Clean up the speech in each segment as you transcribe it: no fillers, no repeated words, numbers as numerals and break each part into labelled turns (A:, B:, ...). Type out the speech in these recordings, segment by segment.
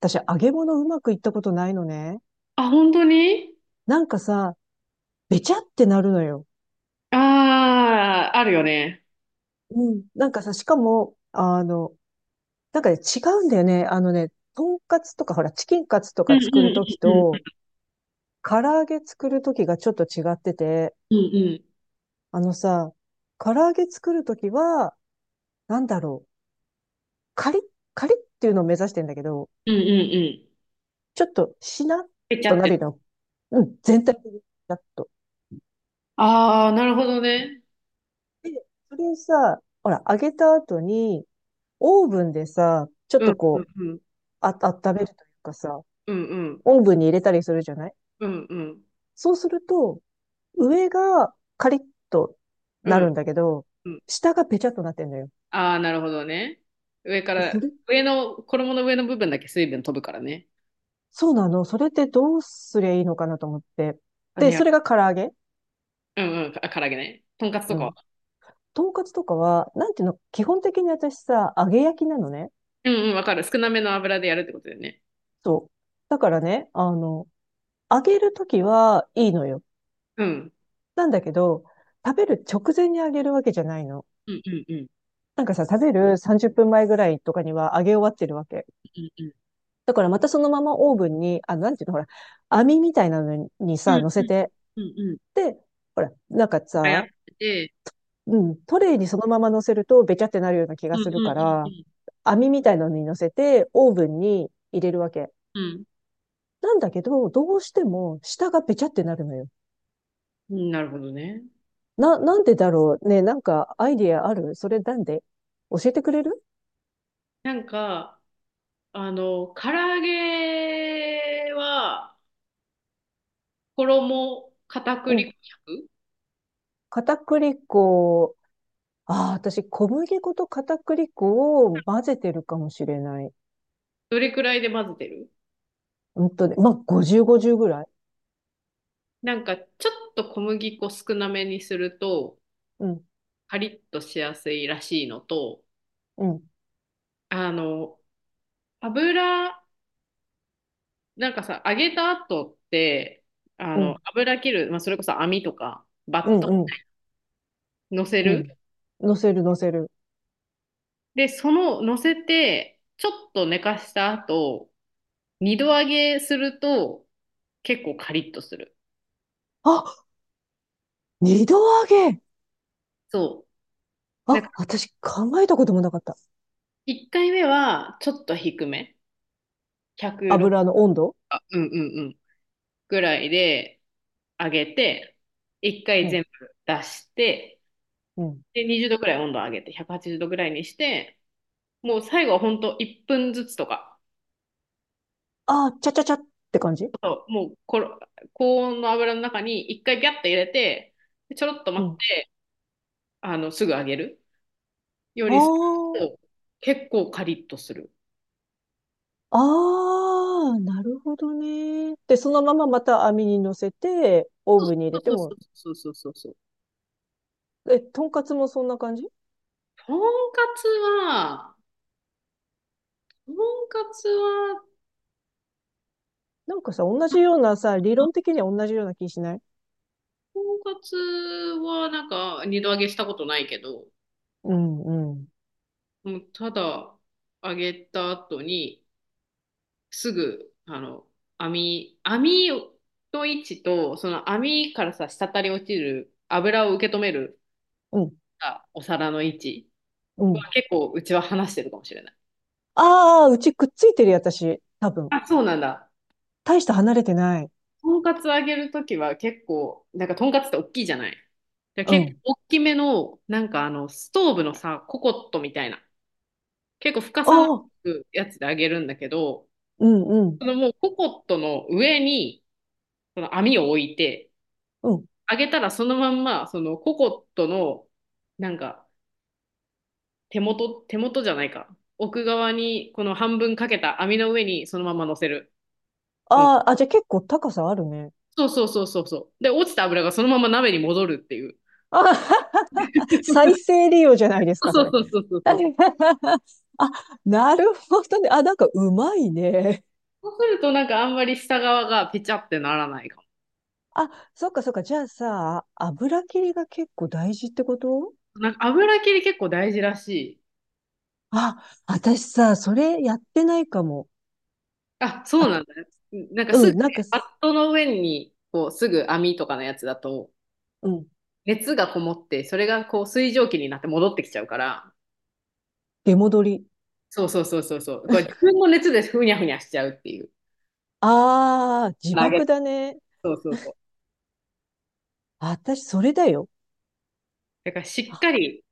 A: 私、揚げ物うまくいったことないのね。
B: あ、本当に。
A: なんかさ、べちゃってなるのよ。
B: ああー、あるよね。
A: うん。なんかさ、しかも、あの、なんかね、違うんだよね。あのね、とんかつとか、ほら、チキンカツと
B: うん
A: か
B: う
A: 作る
B: ん
A: とき
B: うん
A: と、唐揚げ作るときがちょっと違ってて、
B: うんうん
A: あのさ、唐揚げ作るときは、なんだろう、カリッ、カリッっていうのを目指してんだけど、
B: うんうんうんうん。
A: ちょっとしなっ
B: ぺちゃ
A: と
B: っ
A: な
B: て。
A: るの。うん、全体的にしなっと。
B: ああ、なるほどね。
A: で、それをさ、ほら、揚げた後に、オーブンでさ、ちょっ
B: う
A: と
B: んうん
A: こう、
B: うん
A: あ、温めるというかさ、
B: うん
A: オーブンに入れたりするじゃない。
B: うんうんうん
A: そうすると、上がカリッと
B: う
A: なる
B: ん
A: んだけど、
B: うん。
A: 下がペチャッとなってんのよ。
B: ああー、なるほどね。上か
A: でそ
B: ら、
A: れ、
B: 上の、衣の上の部分だけ水分飛ぶからね。
A: そうなの。それってどうすりゃいいのかなと思って。
B: あ
A: で、
B: ね、
A: それが唐揚げ。
B: うんうん、あ、唐揚げね。とんかつと
A: う
B: か
A: ん。
B: は。
A: とんかつとかは、なんていうの、基本的に私さ、揚げ焼きなのね。
B: うんうん、わかる。少なめの油でやるってことだよね。
A: そう。だからね、あの、揚げるときはいいのよ。
B: うん。
A: なんだけど、食べる直前に揚げるわけじゃないの。
B: うんうんうん
A: なんかさ、食べる30分前ぐらいとかには揚げ終わってるわけ。
B: うんう
A: だからまたそのままオーブンに、あ、なんていうの、ほら、網みたいなのに
B: んう
A: さ、乗
B: んう
A: せ
B: ん
A: て、
B: うんうんうん。
A: で、ほら、なんか
B: あ、やっ
A: さ、
B: てて。
A: うん、トレイにそのまま乗せるとべちゃってなるような気
B: う
A: が
B: んう
A: す
B: んう
A: るか
B: んう
A: ら、
B: ん
A: 網みたいなのに乗せて、オーブンに入れるわけ。
B: うん。
A: なんだけど、どうしても下がべちゃってなるのよ。
B: うん、なるほどね。
A: なんでだろうね、なんかアイディアあるそれなんで教えてくれる？
B: なんか、唐揚げは、衣、片
A: う
B: 栗
A: ん。
B: 粉100。
A: 片栗粉。ああ、私、小麦粉と片栗粉を混ぜてるかもしれない。
B: どれくらいで混ぜてる？
A: うんとね、まあ、50、50ぐらい。
B: なんか、ちょっと小麦粉少なめにすると、
A: うん、
B: カリッとしやすいらしいのと、
A: うん、
B: あの、油、なんかさ、揚げた後って、
A: うん、
B: 油切る、まあ、それこそ網とか、バ
A: う
B: ット
A: ん、うん、
B: 乗せ
A: う
B: る。
A: ん。乗せる、乗せる。
B: で、その、乗せて、ちょっと寝かした後、二度揚げすると結構カリッとする。
A: あ、二度揚げ。
B: そう。なんか
A: あ、私考えたこともなかった。
B: 一回目はちょっと低め。106、
A: 油の温度。
B: うんうんうん、ぐらいで揚げて、一
A: う
B: 回
A: ん、
B: 全部出して、
A: うん。
B: で、20度ぐらい温度上げて、180度ぐらいにして、もう最後はほんと1分ずつとか、
A: あー、ちゃちゃちゃって感じ。
B: もうころ高温の油の中に一回ギャッと入れて、でちょろっと
A: う
B: 待っ
A: ん。
B: て、すぐ揚げるようにする
A: あ
B: と、結構カリッとする。
A: あ、ああ、なるほどね。で、そのまままた網に乗せて、オー
B: そ
A: ブンに入れ
B: う
A: て
B: そう
A: も、
B: そうそうそうそう。
A: え、とんかつもそんな感じ？
B: とんかつは、とんかつは、
A: なんかさ、同じようなさ、理論的には同じような気しない？
B: とんかつはなんか二度揚げしたことないけど、
A: うんうん。
B: もうただ揚げた後にすぐ網の位置とその網からさ滴り落ちる油を受け止める
A: うん、
B: さお皿の位置
A: う
B: は
A: ん。
B: 結構うちは話してるかもしれない。
A: ああ、うちくっついてるよ、私。多分。
B: あ、そうなんだ。
A: 大して離れてない。
B: とんかつ揚げるときは結構、なんかとんかつって大きいじゃない。で
A: う
B: 結
A: ん。
B: 構大きめの、なんかストーブのさ、ココットみたいな、結構深
A: あ
B: さな
A: あ、
B: くやつで揚げるんだけど、
A: うんうん。
B: そのもうココットの上にその網を置いて、
A: うん。
B: 揚げたらそのまんま、そのココットの、なんか手元、手元じゃないか。奥側にこの半分かけた網の上にそのまま乗せる。とん
A: ああ、あ、じゃあ結構高さあるね。
B: そうそうそうそうそう。で、落ちた油がそのまま鍋に戻るっていう。
A: あははは。再生利用じゃないです
B: そ
A: か、そ
B: う
A: れ。
B: そうそうそうそう。
A: あ、なるほどね。あ、なんかうまいね。
B: そうするとなんかあんまり下側がペチャってならないか
A: あ、そっかそっか。じゃあさ、油切りが結構大事ってこと？
B: も。なんか油切り結構大事らしい。
A: あ、私さ、それやってないかも。
B: あ、そうなんだね。なんかす
A: う
B: ぐ
A: ん、
B: ね、
A: なんか
B: バ
A: す、
B: ットの上にこうすぐ網とかのやつだと
A: うん、
B: 熱がこもってそれがこう水蒸気になって戻ってきちゃうから。
A: 出戻り。
B: そうそうそうそうそう。これ自分の熱でふにゃふにゃしちゃうっていう。
A: ああ、自
B: 投げ、
A: 爆だね。
B: そうそうそう。
A: 私、それだよ。
B: だからしっか
A: あ
B: り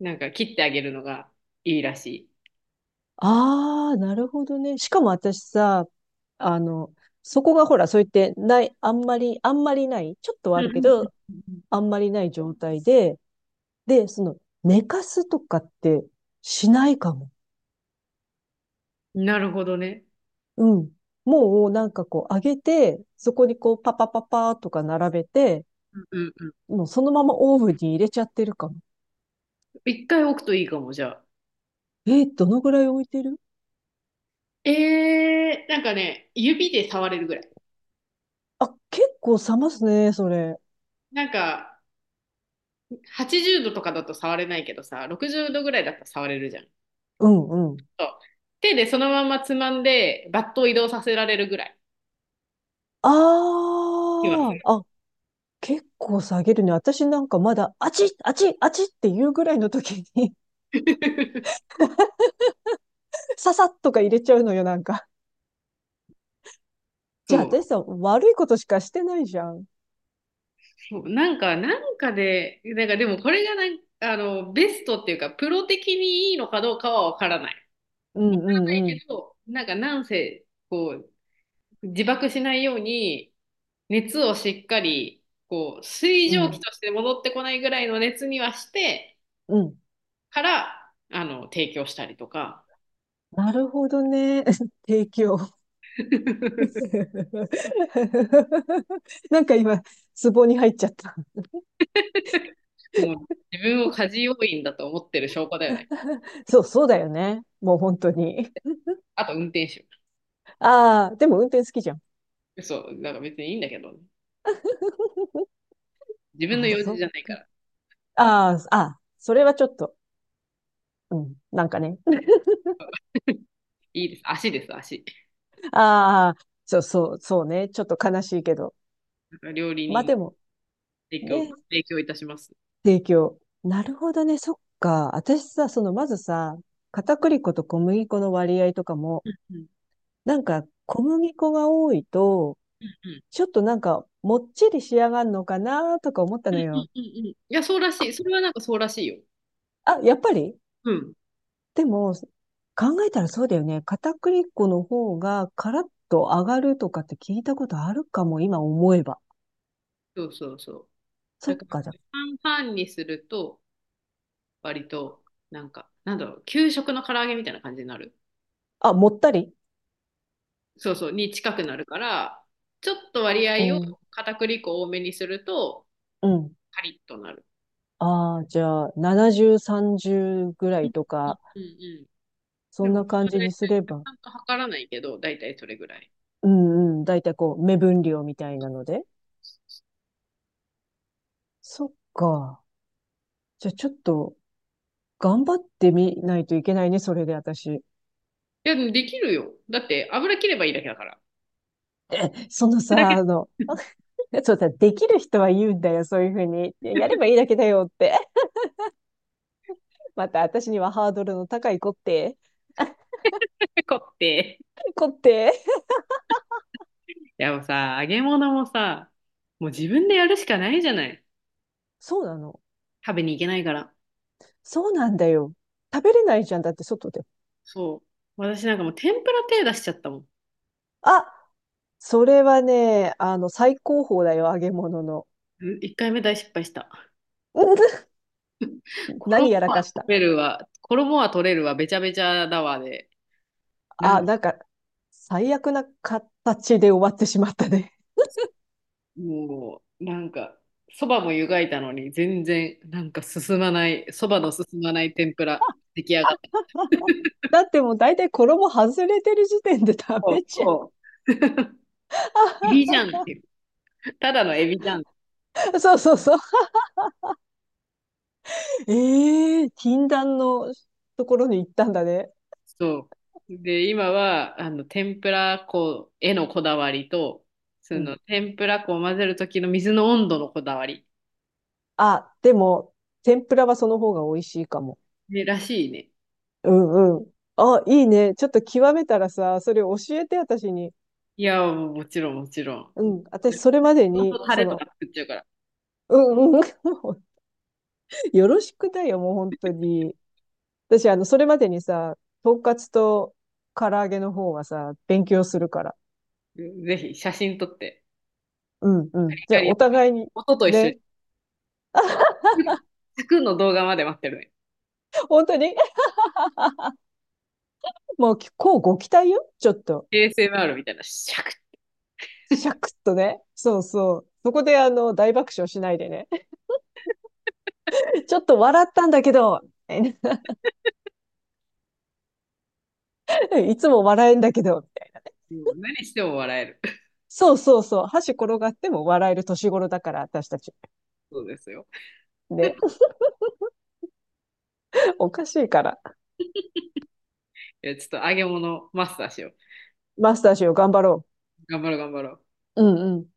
B: なんか切ってあげるのがいいらしい。
A: あー、なるほどね。しかも私さ、あの、そこがほら、そう言って、ない、あんまり、あんまりない、ちょっとは
B: う
A: あ
B: ん
A: る
B: う
A: け
B: んう
A: ど、
B: んうん、
A: あんまりない状態で、で、その、寝かすとかってしないかも。
B: なるほどね。
A: うん。もう、なんかこう、上げて、そこにこう、パパパパーとか並べて、
B: うんうんうん。
A: もうそのままオーブンに入れちゃってるかも。
B: 一回置くといいかも、じゃあ。
A: えー、どのぐらい置いてる？
B: なんかね、指で触れるぐらい。
A: あ、結構冷ますね、それ。
B: なんか、80度とかだと触れないけどさ、60度ぐらいだったら触れるじゃん。
A: うんうん。
B: そう、手でそのままつまんで、バットを移動させられるぐらい。今
A: ああ、あ、結構下げるね。私なんかまだ、あちっ、あちっ、あちっっていうぐらいの時に ささっとか入れちゃうのよ、なんか。
B: そ
A: じゃあ
B: う、
A: 私さ、悪いことしかしてないじゃん。
B: そう、なんか、なんかで、なんかでもこれがなんあのベストっていうか、プロ的にいいのかどうかはわからない。
A: うんう
B: ない
A: んうん。
B: けど、なんかなんせ、こう、自爆しないように、熱をしっかりこう水
A: う
B: 蒸気
A: ん。
B: として戻ってこないぐらいの熱にはして
A: うん。
B: から提供したりとか。
A: なるほどね。提供。なんか今、壺に入っちゃった。
B: もう自分を家事要員だと思ってる証拠だよね。
A: そう、そうだよね。もう本当に。
B: あと運転手。
A: ああ、でも運転好きじゃん。
B: そう、なんか別にいいんだけどね、自分の
A: あ、
B: 用事
A: そっ
B: じゃない
A: か。
B: から。
A: ああ、あ、それはちょっと、うん、なんかね。
B: いいです、足です、足、
A: ああ、そうそう、そうね。ちょっと悲しいけど。
B: 料理
A: まあ
B: 人、
A: でも、
B: 提供、
A: ね、
B: 提供いたします。
A: 提供。なるほどね、そっか。私さ、その、まずさ、片栗粉と小麦粉の割合とかも、
B: うん
A: なんか、小麦粉が多いと、
B: うんうん
A: ちょっとなんか、もっちり仕上がるのかなとか思った
B: う
A: の
B: ん
A: よ。
B: うん、いやそうらしい、
A: こ
B: それはなんかそうらしいよ。
A: あ、やっぱり。
B: うん、
A: でも、考えたらそうだよね。片栗粉の方がカラッと上がるとかって聞いたことあるかも、今思えば。
B: そうそう、そう。
A: そ
B: だ
A: っ
B: から
A: か、じゃ
B: 半々にすると割と、なんか、なんだろう、給食の唐揚げみたいな感じになる。
A: あ。あ、もったり。
B: そうそう、に近くなるから、ちょっと割
A: う
B: 合を
A: ん、
B: 片栗粉多めにすると、
A: うん。
B: カリッとなる。
A: ああ、じゃあ、70、30ぐら
B: う
A: い
B: ん
A: とか、
B: うんうん。
A: そ
B: で
A: ん
B: も、
A: な感じ
B: 大体、
A: にすれ
B: ち
A: ば。
B: ゃんと測らないけど、大体それぐらい。
A: うんうん。だいたいこう、目分量みたいなので。そっか。じゃあ、ちょっと、頑張ってみないといけないね、それで私。
B: いや、でもできるよ。だって、油切ればいいだけだから。
A: え、その
B: だけ、
A: さ、あの、そうさ、できる人は言うんだよ、そういうふうに。やればいいだけだよって。また私にはハードルの高い子って。
B: ペコって。
A: 子って。
B: いや、もうさ、揚げ物もさ、もう自分でやるしかないじゃない。
A: そうなの。
B: 食べに行けないから。
A: そうなんだよ。食べれないじゃん。だって外で。
B: そう。私なんかもう天ぷら手出しちゃったもん。
A: あ、それはね、あの、最高峰だよ、揚げ物の。
B: うん、一回目大失敗した。
A: 何
B: 衣
A: やらか
B: は
A: し
B: 取
A: た。
B: れるわ、衣は取れるわ、べちゃべちゃだわで、なん
A: あ、
B: か、
A: なんか、最悪な形で終わってしまったね。
B: もう、なんか、そばも湯がいたのに、全然、なんか進まない、そばの進まない天ぷら、出来上がった。
A: だってもう大体衣外れてる時点で 食
B: そう
A: べちゃ
B: そう。エビじゃんっていう。ただのエビじゃん。
A: う。そうそうそう。ええー、禁断のところに行ったんだね。
B: そう。で、今は、天ぷら粉へのこだわりと、そ
A: うん。
B: の、天ぷら粉を混ぜる時の水の温度のこだわり。
A: あ、でも、天ぷらはその方が美味しいかも。
B: ね、らしいね。
A: うんうん。あ、いいね。ちょっと極めたらさ、それ教えて、私に。
B: いや、もちろん、もちろ
A: う
B: ん。
A: ん。
B: ね、
A: 私、それまで
B: ほと
A: に、
B: んどタ
A: そ
B: レと
A: の、
B: か作っちゃうから。
A: うんうん。もうよろしくだよ、もう本当に。私、あの、それまでにさ、とんかつと唐揚げの方はさ、勉強するから。
B: ぜひ写真撮って、
A: うんうん。じゃあ、
B: 光、
A: お互いに、
B: 音と一緒に、
A: ね。
B: サクッの動画まで待ってるね。
A: 本当に、もう、こうご期待よ。ちょっと。
B: ASMR みたいな、シャクッ。
A: シャクッとね。そうそう。そこで、あの、大爆笑しないでね。ちょっと笑ったんだけど、いつも笑えんだけど。
B: もう何しても笑える。
A: そうそうそう。箸転がっても笑える年頃だから、私たち。
B: そうですよ。
A: ね。 おかしいから。
B: いや、ちょっと揚げ物マスターしよう。
A: マスターしよう、頑張ろ
B: 頑張ろう、頑張ろう。
A: う。うんうん。